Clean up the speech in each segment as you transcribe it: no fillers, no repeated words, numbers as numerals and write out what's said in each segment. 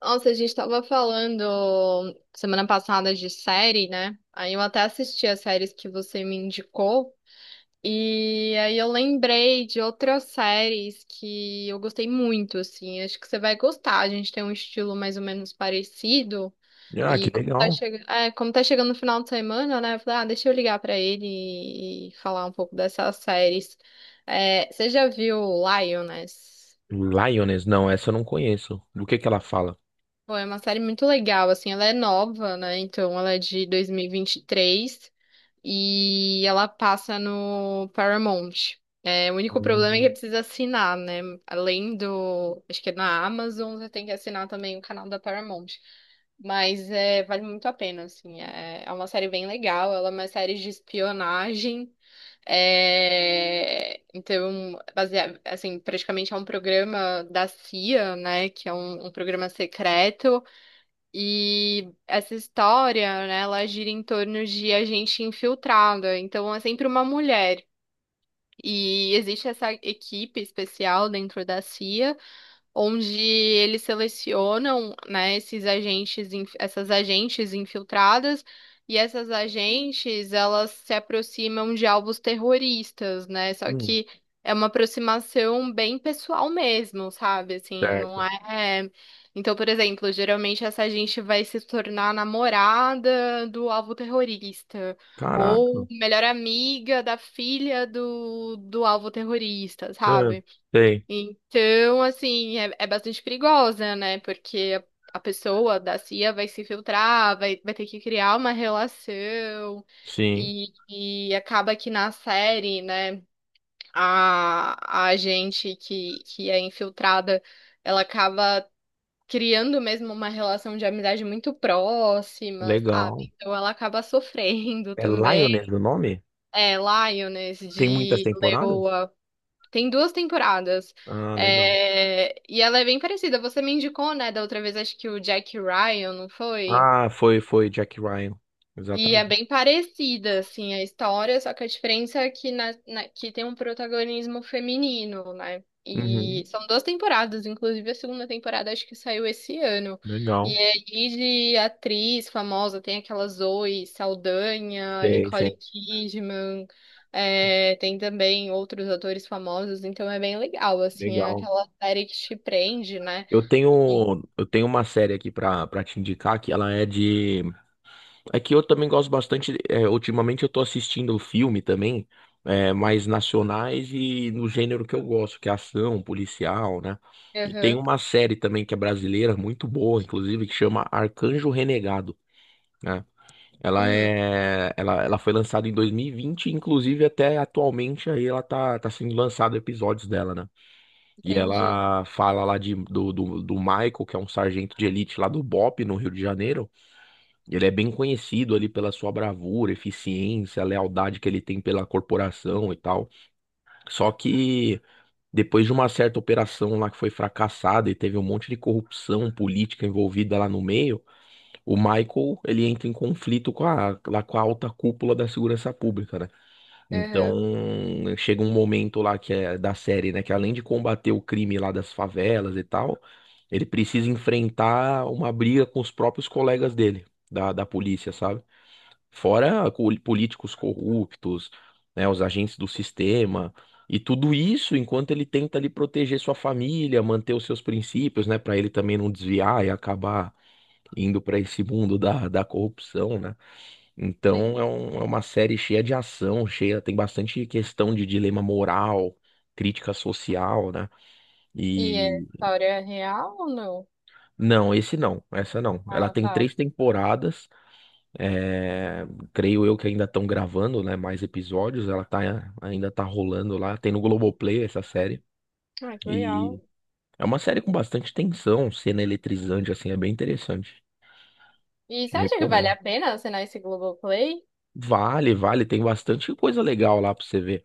Nossa, a gente tava falando semana passada de série, né? Aí eu até assisti as séries que você me indicou. E aí eu lembrei de outras séries que eu gostei muito, assim. Acho que você vai gostar. A gente tem um estilo mais ou menos parecido. Ah, que E legal. Como tá chegando no final de semana, né? Eu falei, ah, deixa eu ligar pra ele e falar um pouco dessas séries. É, você já viu Lioness? Lioness, não, essa eu não conheço. Do que ela fala? Pô, é uma série muito legal, assim, ela é nova, né? Então ela é de dois mil e vinte e três e ela passa no Paramount. É, o único problema é que Hum, precisa assinar, né? Além do, acho que é na Amazon, você tem que assinar também o canal da Paramount. Mas é, vale muito a pena, assim. É uma série bem legal, ela é uma série de espionagem. É, então, baseado, assim, praticamente é um programa da CIA, né? Que é um programa secreto. E essa história, né, ela gira em torno de a gente infiltrada, então é sempre uma mulher. E existe essa equipe especial dentro da CIA onde eles selecionam, né, esses agentes, essas agentes infiltradas, e essas agentes, elas se aproximam de alvos terroristas, né? Só hum, que é uma aproximação bem pessoal mesmo, sabe? Assim, não certo. é. Então, por exemplo, geralmente essa gente vai se tornar namorada do alvo terrorista. Caraca. Ou melhor amiga da filha do alvo terrorista, Ah, sabe? sei. Então, assim, é bastante perigosa, né? Porque a pessoa da CIA vai se filtrar, vai ter que criar uma relação. Sim, E, e acaba que na série, né, a gente que é infiltrada, ela acaba criando mesmo uma relação de amizade muito próxima, sabe? legal. Então ela acaba sofrendo É também. Lioness o nome? É, Lioness Tem muitas de temporadas? Leoa. Tem duas temporadas. Ah, legal. E ela é bem parecida. Você me indicou, né, da outra vez, acho que o Jack Ryan, não foi? Ah, foi Jack Ryan. E é Exatamente. bem parecida, assim, a história, só que a diferença é que, que tem um protagonismo feminino, né? Uhum, E são duas temporadas, inclusive a segunda temporada acho que saiu esse ano. E legal. aí de atriz famosa tem aquela Zoe Saldanha, Sei, Nicole sei. Kidman, é, tem também outros atores famosos, então é bem legal, assim, é Legal. aquela série que te prende, né? Eu E, tenho, eu tenho uma série aqui pra te indicar que ela é de. É que eu também gosto bastante. Ultimamente eu tô assistindo filme também, mais nacionais e no gênero que eu gosto, que é ação, policial, né? E tem aham, uma série também que é brasileira, muito boa, inclusive, que chama Arcanjo Renegado, né? Ela hum, é, ela, ela foi lançada em 2020, inclusive até atualmente aí ela tá sendo lançado episódios dela, né? E entendi, ela fala lá do Michael, que é um sargento de elite lá do BOP, no Rio de Janeiro. Ele é bem conhecido ali pela sua bravura, eficiência, lealdade que ele tem pela corporação e tal. Só que depois de uma certa operação lá que foi fracassada e teve um monte de corrupção política envolvida lá no meio, o Michael, ele entra em conflito com a, lá com a alta cúpula da segurança pública, né? aham, Então, chega um momento lá que é da série, né, que além de combater o crime lá das favelas e tal, ele precisa enfrentar uma briga com os próprios colegas dele, da polícia, sabe? Fora políticos corruptos, né, os agentes do sistema, e tudo isso enquanto ele tenta ali proteger sua família, manter os seus princípios, né, para ele também não desviar e acabar indo para esse mundo da corrupção, né? Então entendi. É uma série cheia de ação, cheia, tem bastante questão de dilema moral, crítica social, né? E a E história é real ou não? não, esse não, essa não. Ela Ah, tem tá. três temporadas. É, creio eu que ainda estão gravando, né, mais episódios. Ela tá, ainda tá rolando lá. Tem no Globoplay essa série. Ah, que E legal. é uma série com bastante tensão, cena eletrizante, assim, é bem interessante. E Te você acha que vale a recomendo. pena assinar esse Globoplay? Vale, vale. Tem bastante coisa legal lá pra você ver.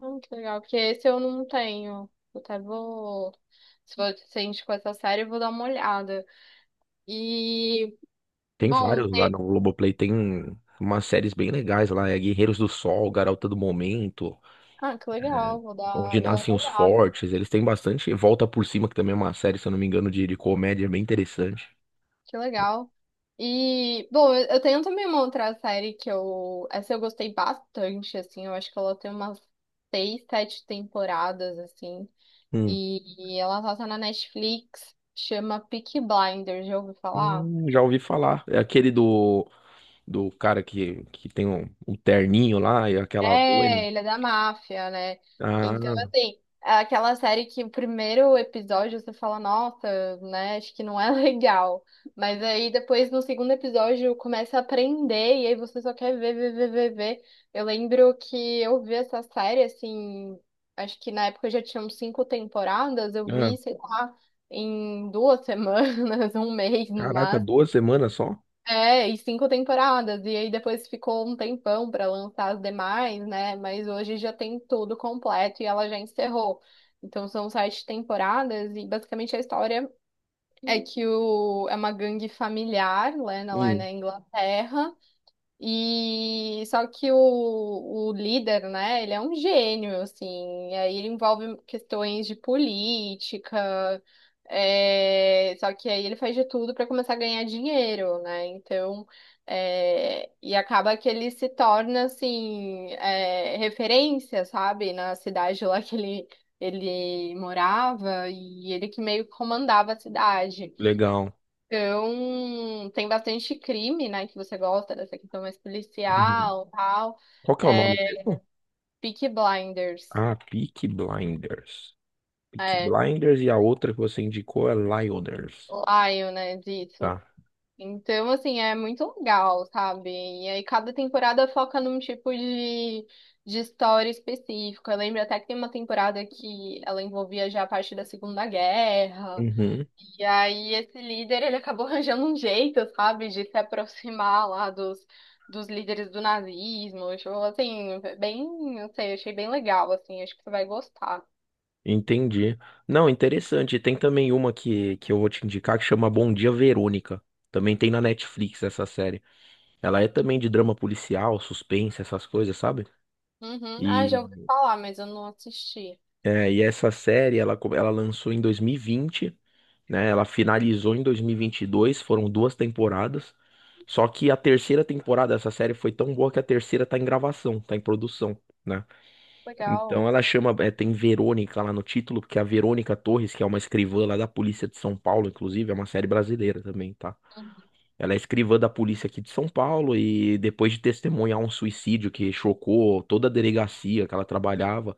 Ah, que legal, porque esse eu não tenho. Eu até vou. Se você indicou essa série, eu vou dar uma olhada. E, Tem bom, vários lá no Globoplay. Tem umas séries bem legais lá. É Guerreiros do Sol, Garota do Momento, ah, que legal, Onde vou dar Nascem uma os olhada. Fortes. Eles têm bastante. Volta por Cima, que também é uma série, se eu não me engano, de comédia bem interessante. Que legal. E, bom, eu tenho também uma outra série que eu. Essa eu gostei bastante, assim. Eu acho que ela tem umas seis, sete temporadas, assim. Hum. E ela solta na Netflix, chama Peaky Blinders, já ouviu falar? Já ouvi falar. É aquele do cara que tem um terninho lá e aquela boina. É, ele é da máfia, né? Então, Ah, assim, é aquela série que o primeiro episódio você fala, nossa, né, acho que não é legal. Mas aí depois no segundo episódio começa a aprender e aí você só quer ver, ver, ver, ver, ver. Eu lembro que eu vi essa série, assim, acho que na época já tinham cinco temporadas, eu ah, vi, sei lá, em 2 semanas, um mês no caraca, máximo. duas semanas só? É, e cinco temporadas. E aí depois ficou um tempão para lançar as demais, né? Mas hoje já tem tudo completo e ela já encerrou. Então são sete temporadas e basicamente a história é uma gangue familiar, né, lá Hum, na Inglaterra. E só que o líder, né, ele é um gênio, assim, e aí ele envolve questões de política, é, só que aí ele faz de tudo para começar a ganhar dinheiro, né? Então, é, e acaba que ele se torna assim, é, referência, sabe, na cidade lá que ele morava, e ele que meio que comandava a cidade. legal. Então, tem bastante crime, né, que você gosta dessa questão mais Uhum. policial, tal. Qual que é o nome É, mesmo? Peaky Blinders, Ah, Peaky Blinders. Peaky é, Blinders e a outra que você indicou é Lyoders. *lion*, né, disso. Tá. Então, assim, é muito legal, sabe? E aí cada temporada foca num tipo de história específica. Eu lembro até que tem uma temporada que ela envolvia já a parte da Segunda Guerra. Uhum, E aí esse líder, ele acabou arranjando um jeito, sabe, de se aproximar lá dos líderes do nazismo. Tipo, assim, bem, não sei, achei bem legal, assim, acho que você vai gostar. entendi. Não, interessante. Tem também uma que eu vou te indicar que chama Bom Dia Verônica. Também tem na Netflix essa série. Ela é também de drama policial, suspense, essas coisas, sabe? Uhum. Ah, E, já ouvi falar, mas eu não assisti. e essa série, ela lançou em 2020, né? Ela finalizou em 2022, foram duas temporadas. Só que a terceira temporada dessa série foi tão boa que a terceira tá em gravação, tá em produção, né? Então Legal. ela chama, é, tem Verônica lá no título, porque a Verônica Torres, que é uma escrivã lá da Polícia de São Paulo, inclusive, é uma série brasileira também, tá? Uhum. Ela é escrivã da polícia aqui de São Paulo e depois de testemunhar um suicídio que chocou toda a delegacia que ela trabalhava,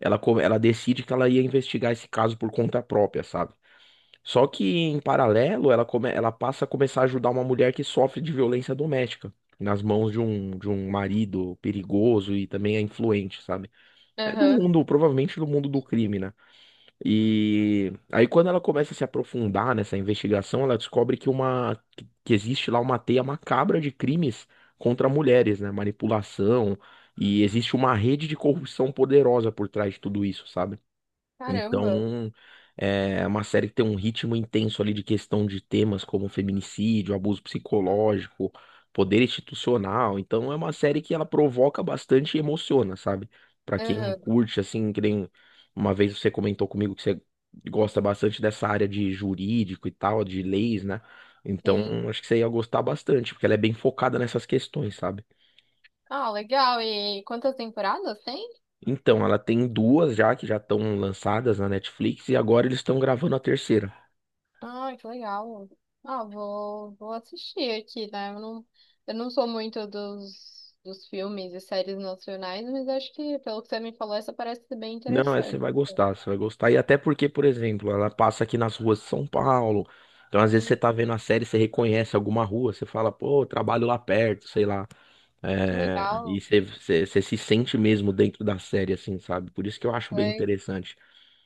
ela decide que ela ia investigar esse caso por conta própria, sabe? Só que em paralelo, ela passa a começar a ajudar uma mulher que sofre de violência doméstica nas mãos de um marido perigoso e também é influente, sabe? É do Aham. mundo, provavelmente do mundo do crime, né? E aí quando ela começa a se aprofundar nessa investigação, ela descobre que existe lá uma teia macabra de crimes contra mulheres, né? Manipulação, e existe uma rede de corrupção poderosa por trás de tudo isso, sabe? Caramba. Então, é uma série que tem um ritmo intenso ali de questão de temas como feminicídio, abuso psicológico, poder institucional. Então, é uma série que ela provoca bastante e emociona, sabe? Pra quem Aham. curte, assim, que nem uma vez você comentou comigo que você gosta bastante dessa área de jurídico e tal, de leis, né? Sim. Então, acho que você ia gostar bastante, porque ela é bem focada nessas questões, sabe? Ah, legal. E quantas temporadas tem? Então, ela tem duas já que já estão lançadas na Netflix e agora eles estão gravando a terceira. Ai, que legal. Ah, vou assistir aqui, né? Eu não sou muito dos filmes e séries nacionais, mas acho que, pelo que você me falou, essa parece ser bem Não, essa você interessante. vai gostar, você vai gostar. E até porque, por exemplo, ela passa aqui nas ruas de São Paulo. Então, às vezes, você Hum, tá vendo a série, você reconhece alguma rua, você fala, pô, eu trabalho lá perto, sei lá. que É, e legal. você se sente mesmo dentro da série, assim, sabe? Por isso que eu acho bem É. interessante.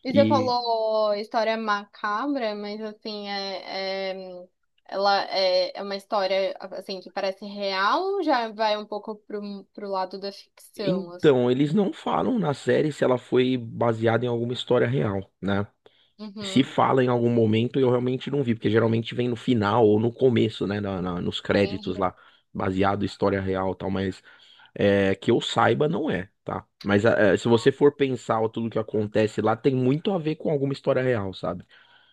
E você E falou história macabra, mas assim, é, ela é uma história assim que parece real ou já vai um pouco pro lado da ficção, assim? então, eles não falam na série se ela foi baseada em alguma história real, né? Se Uhum. fala em algum momento, eu realmente não vi, porque geralmente vem no final ou no começo, né? Nos créditos Entendi. lá, baseado em história real e tal, mas. É, que eu saiba, não é, tá? Mas é, se você for pensar ó, tudo que acontece lá, tem muito a ver com alguma história real, sabe?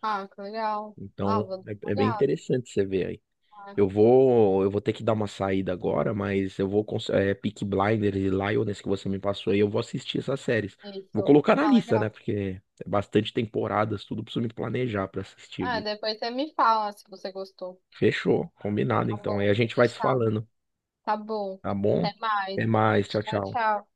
Ah, que legal. Ah, vou Então dar uma é, é bem olhada. interessante você ver aí. Né? Eu vou ter que dar uma saída agora, mas eu vou, Peaky Blinders e Lioness que você me passou aí, eu vou assistir essas séries. Vou Isso. colocar na Ah, lista, né? legal. Porque é bastante temporadas, tudo preciso me planejar pra assistir Ah, aqui. depois você me fala se você gostou. Fechou, combinado Tá então. Aí a bom. gente vai se Fechado. falando, Tá bom. tá bom? Até mais. Até mais, tchau, Tchau, tchau. tchau.